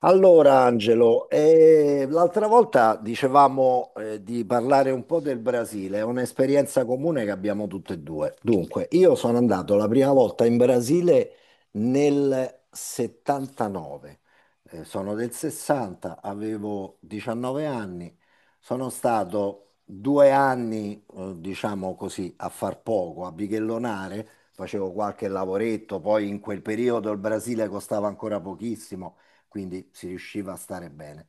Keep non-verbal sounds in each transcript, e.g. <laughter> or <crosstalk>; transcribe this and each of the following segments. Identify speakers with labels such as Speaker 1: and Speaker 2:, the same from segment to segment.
Speaker 1: Allora, Angelo, l'altra volta dicevamo, di parlare un po' del Brasile, è un'esperienza comune che abbiamo tutte e due. Dunque, io sono andato la prima volta in Brasile nel 79, sono del 60, avevo 19 anni, sono stato 2 anni, diciamo così, a far poco, a bighellonare, facevo qualche lavoretto, poi in quel periodo il Brasile costava ancora pochissimo, quindi si riusciva a stare bene.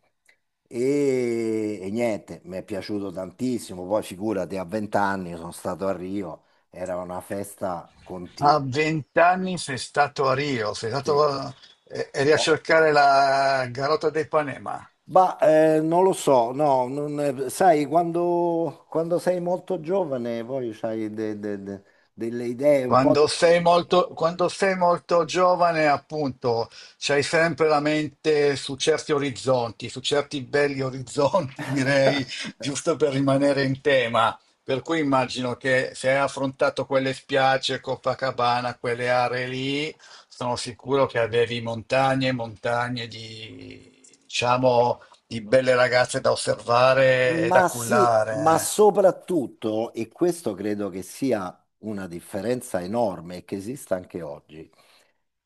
Speaker 1: E niente, mi è piaciuto tantissimo. Poi figurati, a 20 anni sono stato a Rio, era una festa
Speaker 2: A
Speaker 1: continua.
Speaker 2: vent'anni sei stato a Rio, sei
Speaker 1: Sì.
Speaker 2: stato, eri a
Speaker 1: Oh.
Speaker 2: cercare la Garota dei Panema.
Speaker 1: Ma non lo so, no, sai, quando sei molto giovane poi hai delle idee un po'.
Speaker 2: Quando sei molto giovane, appunto, c'hai sempre la mente su certi orizzonti, su certi belli orizzonti, <laughs> direi, giusto per rimanere in tema. Per cui immagino che se hai affrontato quelle spiagge, Copacabana, quelle aree lì, sono sicuro che avevi montagne e montagne di, diciamo, di belle ragazze da osservare e da
Speaker 1: Ma sì, ma
Speaker 2: cullare.
Speaker 1: soprattutto, e questo credo che sia una differenza enorme e che esista anche oggi,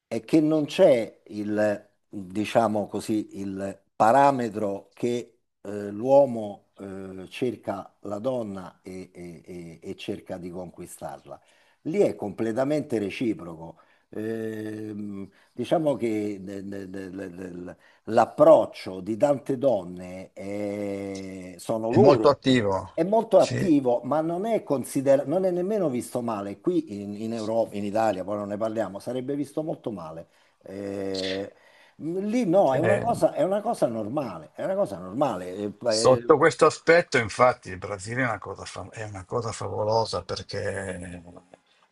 Speaker 1: è che non c'è il, diciamo così, il parametro che l'uomo cerca la donna e cerca di conquistarla. Lì è completamente reciproco. Diciamo che l'approccio di tante donne sono
Speaker 2: È molto
Speaker 1: loro
Speaker 2: attivo,
Speaker 1: è molto
Speaker 2: sì.
Speaker 1: attivo, ma non è considerato, non è nemmeno visto male. Qui in Europa, in Italia, poi non ne parliamo, sarebbe visto molto male. Eh, lì no,
Speaker 2: Eh,
Speaker 1: è una cosa normale, è una cosa normale. Eh, eh,
Speaker 2: Sotto questo aspetto, infatti, il Brasile è una cosa, è una cosa favolosa perché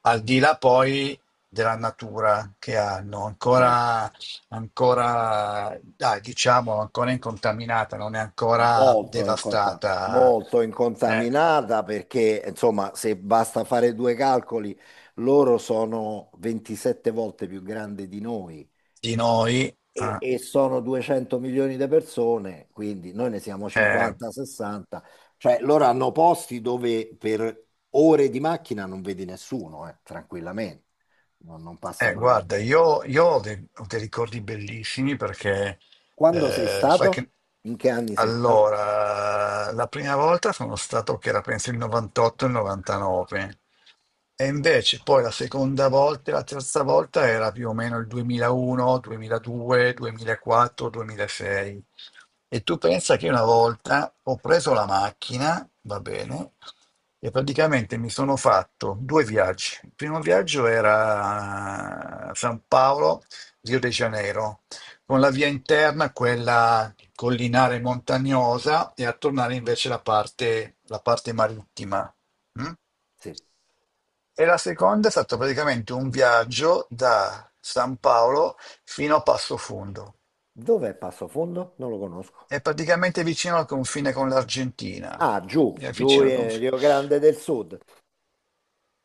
Speaker 2: al di là poi della natura che hanno,
Speaker 1: certo,
Speaker 2: ancora, ancora dai, diciamo, ancora incontaminata, non è ancora
Speaker 1: molto, inconta-
Speaker 2: devastata,
Speaker 1: molto
Speaker 2: eh,
Speaker 1: incontaminata perché, insomma, se basta fare due calcoli, loro sono 27 volte più grandi di noi.
Speaker 2: di noi.
Speaker 1: e,
Speaker 2: eh,
Speaker 1: e sono 200 milioni di persone, quindi noi ne siamo
Speaker 2: eh,
Speaker 1: 50, 60, cioè loro hanno posti dove per ore di macchina non vedi nessuno, tranquillamente, non passa proprio
Speaker 2: Guarda,
Speaker 1: nessuno.
Speaker 2: io ho dei ricordi bellissimi perché
Speaker 1: Quando sei
Speaker 2: sai
Speaker 1: stato?
Speaker 2: che,
Speaker 1: In che anni sei stato?
Speaker 2: allora, la prima volta sono stato che era penso il 98 e il 99 e invece poi la seconda volta e la terza volta era più o meno il 2001, 2002, 2004, 2006. E tu pensa che una volta ho preso la macchina, va bene, e praticamente mi sono fatto due viaggi. Il primo viaggio era San Paolo, Rio de Janeiro, con la via interna, quella collinare montagnosa, e a tornare invece la parte marittima. Mm?
Speaker 1: Sì.
Speaker 2: E la seconda è stato praticamente un viaggio da San Paolo fino a Passo Fondo.
Speaker 1: Dov'è Passo Fondo? Non lo conosco.
Speaker 2: È praticamente vicino al confine con l'Argentina.
Speaker 1: Ah, giù,
Speaker 2: È
Speaker 1: giù
Speaker 2: vicino al
Speaker 1: in
Speaker 2: confine.
Speaker 1: Rio Grande del Sud.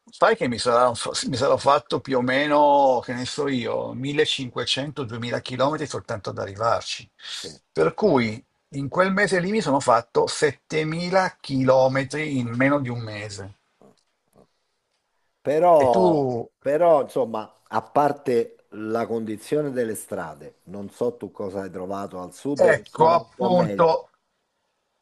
Speaker 2: Sai che mi sarà- Mi sarò fatto più o meno, che ne so io, 1500-2000 km soltanto ad arrivarci.
Speaker 1: Sì.
Speaker 2: Per cui in quel mese lì mi sono fatto 7000 km in meno di un mese. E tu,
Speaker 1: Però, però, insomma, a parte la condizione delle strade, non so tu cosa hai trovato al sud che
Speaker 2: ecco
Speaker 1: sono un po' meglio,
Speaker 2: appunto,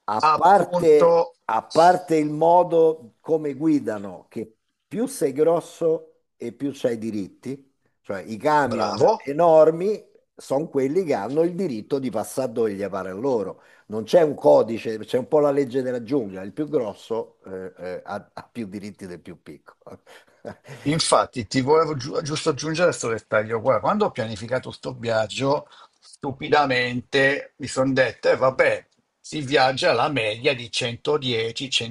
Speaker 1: a parte,
Speaker 2: appunto,
Speaker 1: a parte il modo come guidano, che più sei grosso e più c'hai diritti, cioè i camion
Speaker 2: bravo.
Speaker 1: enormi sono quelli che hanno il diritto di passare dove gli pare a loro. Non c'è un codice, c'è un po' la legge della giungla, il più grosso ha più diritti del più piccolo. <laughs>
Speaker 2: Infatti, ti volevo giusto aggiungere questo dettaglio qua. Quando ho pianificato sto viaggio, stupidamente mi sono detto, vabbè, si viaggia alla media di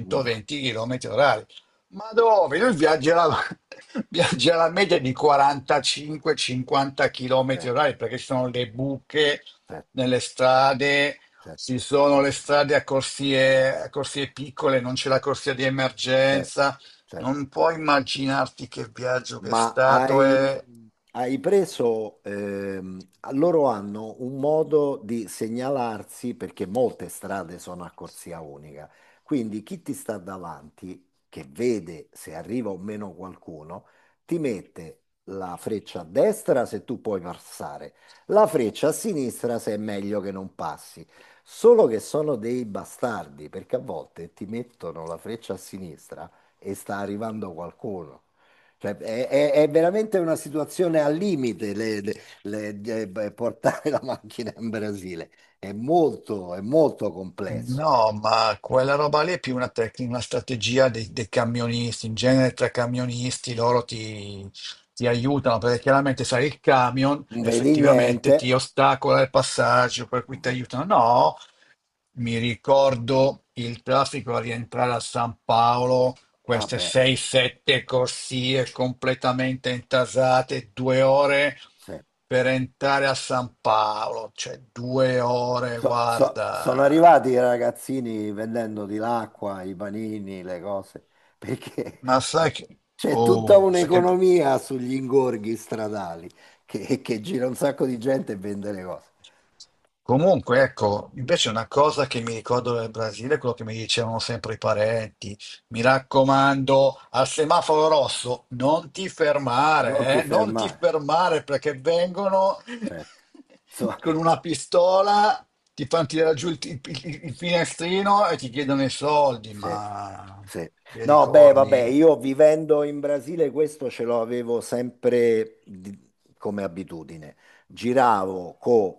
Speaker 1: No,
Speaker 2: km orari. Ma dove? <laughs> Viaggi alla media di 45-50 km
Speaker 1: certo,
Speaker 2: orari perché ci sono le buche
Speaker 1: certo,
Speaker 2: nelle strade,
Speaker 1: certo,
Speaker 2: ci sono le strade a corsie piccole, non c'è la corsia di
Speaker 1: certo,
Speaker 2: emergenza,
Speaker 1: certo.
Speaker 2: non puoi immaginarti che viaggio che è
Speaker 1: Ma
Speaker 2: stato.
Speaker 1: hai, hai preso, ehm, loro hanno un modo di segnalarsi perché molte strade sono a corsia unica. Quindi chi ti sta davanti, che vede se arriva o meno qualcuno, ti mette la freccia a destra se tu puoi passare, la freccia a sinistra se è meglio che non passi. Solo che sono dei bastardi, perché a volte ti mettono la freccia a sinistra e sta arrivando qualcuno. Cioè, è veramente una situazione al limite beh, portare <laughs> la macchina in Brasile. È molto complesso.
Speaker 2: No, ma quella roba lì è più una tecnica, una strategia dei, dei camionisti. In genere tra camionisti ti aiutano perché chiaramente sai il camion
Speaker 1: Non vedi niente.
Speaker 2: effettivamente ti ostacola il passaggio, per cui
Speaker 1: Non
Speaker 2: ti
Speaker 1: ve-
Speaker 2: aiutano. No, mi ricordo il traffico a rientrare a San Paolo,
Speaker 1: Ah
Speaker 2: queste
Speaker 1: beh,
Speaker 2: 6-7 corsie completamente intasate, 2 ore
Speaker 1: sì.
Speaker 2: per entrare a San Paolo, cioè 2 ore,
Speaker 1: Sono
Speaker 2: guarda.
Speaker 1: arrivati i ragazzini vendendoti l'acqua, i panini, le cose, perché
Speaker 2: Ma
Speaker 1: <laughs>
Speaker 2: sai che,
Speaker 1: c'è tutta
Speaker 2: oh, sai che
Speaker 1: un'economia sugli ingorghi stradali che gira un sacco di gente e vende le cose.
Speaker 2: Comunque, ecco, invece una cosa che mi ricordo del Brasile è quello che mi dicevano sempre i parenti. Mi raccomando, al semaforo rosso non ti
Speaker 1: Non ti
Speaker 2: fermare, eh? Non ti
Speaker 1: fermare,
Speaker 2: fermare perché vengono
Speaker 1: certo.
Speaker 2: <laughs>
Speaker 1: So-
Speaker 2: con una pistola, ti fanno tirare giù il finestrino e ti chiedono i soldi,
Speaker 1: Sì,
Speaker 2: ma
Speaker 1: sì.
Speaker 2: ti
Speaker 1: No, beh, vabbè,
Speaker 2: ricordi?
Speaker 1: io vivendo in Brasile questo ce l'avevo sempre come abitudine. Giravo con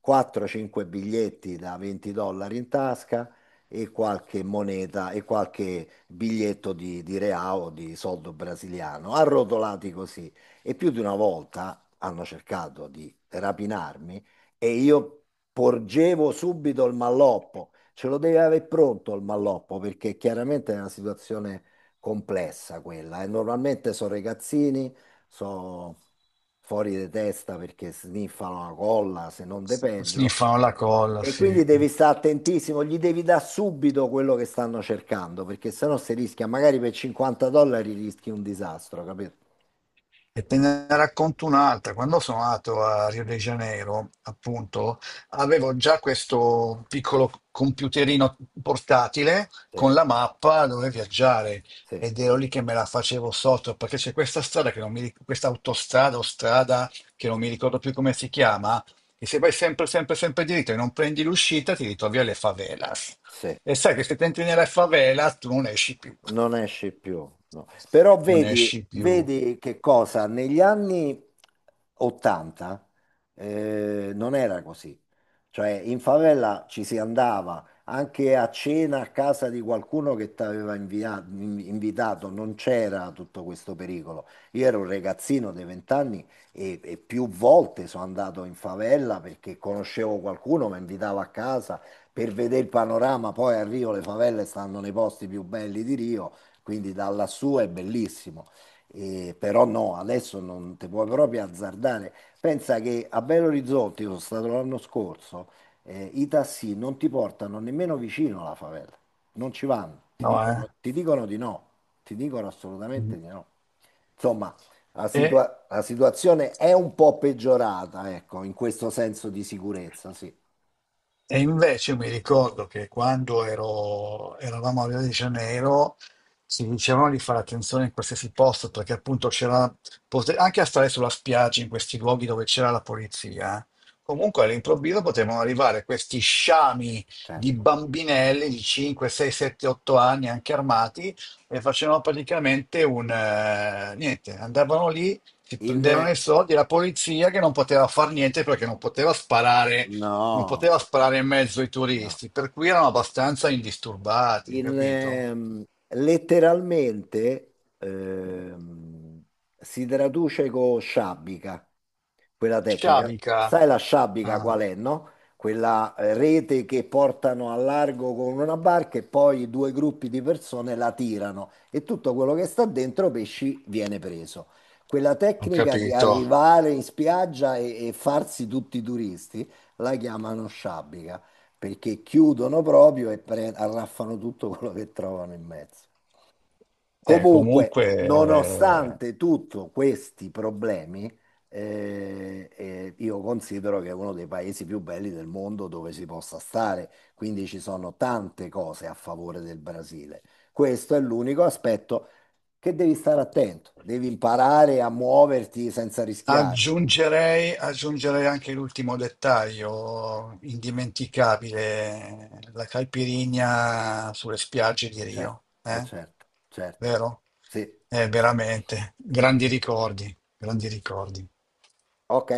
Speaker 1: 4-5 biglietti da 20 dollari in tasca e qualche moneta e qualche biglietto di real, di soldo brasiliano, arrotolati così. E più di una volta hanno cercato di rapinarmi e io porgevo subito il malloppo. Ce lo devi avere pronto il malloppo, perché chiaramente è una situazione complessa quella, e normalmente sono ragazzini, sono fuori di testa perché sniffano la colla, se non de peggio.
Speaker 2: Sniffano la colla,
Speaker 1: E
Speaker 2: sì.
Speaker 1: quindi devi stare attentissimo, gli devi dare subito quello che stanno cercando, perché sennò si rischia, magari per 50 dollari rischi un disastro, capito?
Speaker 2: E te ne racconto un'altra. Quando sono andato a Rio de Janeiro, appunto, avevo già questo piccolo computerino portatile
Speaker 1: Sì,
Speaker 2: con la mappa dove viaggiare
Speaker 1: sì,
Speaker 2: ed ero lì che me la facevo sotto perché c'è questa strada che non mi, ric- questa autostrada o strada che non mi ricordo più come si chiama, e se vai sempre, sempre, sempre diritto e non prendi l'uscita, ti ritrovi alle favelas.
Speaker 1: sì.
Speaker 2: E sai che se ti entri nella favela, tu non esci più.
Speaker 1: Non esci
Speaker 2: <laughs>
Speaker 1: più, no. Però
Speaker 2: Non
Speaker 1: vedi,
Speaker 2: esci più.
Speaker 1: vedi che cosa? Negli anni 80 non era così. Cioè in favela ci si andava anche a cena a casa di qualcuno che ti aveva invitato, non c'era tutto questo pericolo. Io ero un ragazzino dei 20 anni e più volte sono andato in favela perché conoscevo qualcuno, mi invitava a casa per vedere il panorama, poi a Rio le favelle stanno nei posti più belli di Rio, quindi da lassù è bellissimo. E però no, adesso non ti puoi proprio azzardare. Pensa che a Belo Horizonte, io sono stato l'anno scorso, i tassi non ti portano nemmeno vicino alla favela, non ci vanno, ti
Speaker 2: No, eh.
Speaker 1: dicono, ti dicono di no, ti dicono
Speaker 2: Mm.
Speaker 1: assolutamente di no. Insomma, la,
Speaker 2: E
Speaker 1: situa- la situazione è un po' peggiorata, ecco, in questo senso di sicurezza, sì,
Speaker 2: E invece mi ricordo che eravamo a Rio de Janeiro, si dicevano di fare attenzione in qualsiasi posto perché appunto anche a stare sulla spiaggia in questi luoghi dove c'era la polizia, comunque all'improvviso potevano arrivare questi sciami di
Speaker 1: certo.
Speaker 2: bambinelli di 5, 6, 7, 8 anni anche armati e facevano praticamente niente, andavano lì, si
Speaker 1: In,
Speaker 2: prendevano i soldi, la polizia che non poteva far niente perché non poteva sparare, non
Speaker 1: No,
Speaker 2: poteva sparare in mezzo ai
Speaker 1: no.
Speaker 2: turisti, per cui erano abbastanza indisturbati,
Speaker 1: Il,
Speaker 2: capito?
Speaker 1: ehm, letteralmente si traduce con sciabica, quella tecnica.
Speaker 2: Sciabica.
Speaker 1: Sai la sciabica
Speaker 2: Ah,
Speaker 1: qual è, no? Quella rete che portano a largo con una barca e poi due gruppi di persone la tirano e tutto quello che sta dentro pesci viene preso. Quella
Speaker 2: ho
Speaker 1: tecnica di
Speaker 2: capito.
Speaker 1: arrivare in spiaggia e farsi tutti i turisti la chiamano sciabica perché chiudono proprio e arraffano tutto quello che trovano in mezzo. Comunque,
Speaker 2: Comunque
Speaker 1: nonostante tutti questi problemi, io considero che è uno dei paesi più belli del mondo dove si possa stare, quindi ci sono tante cose a favore del Brasile. Questo è l'unico aspetto che devi stare attento, devi imparare a muoverti senza rischiare.
Speaker 2: Aggiungerei, aggiungerei anche l'ultimo dettaglio indimenticabile, la caipirinha sulle spiagge di
Speaker 1: Certo,
Speaker 2: Rio, eh?
Speaker 1: certo, certo.
Speaker 2: Vero?
Speaker 1: Sì, sì.
Speaker 2: Veramente, grandi ricordi, grandi ricordi.
Speaker 1: Ok.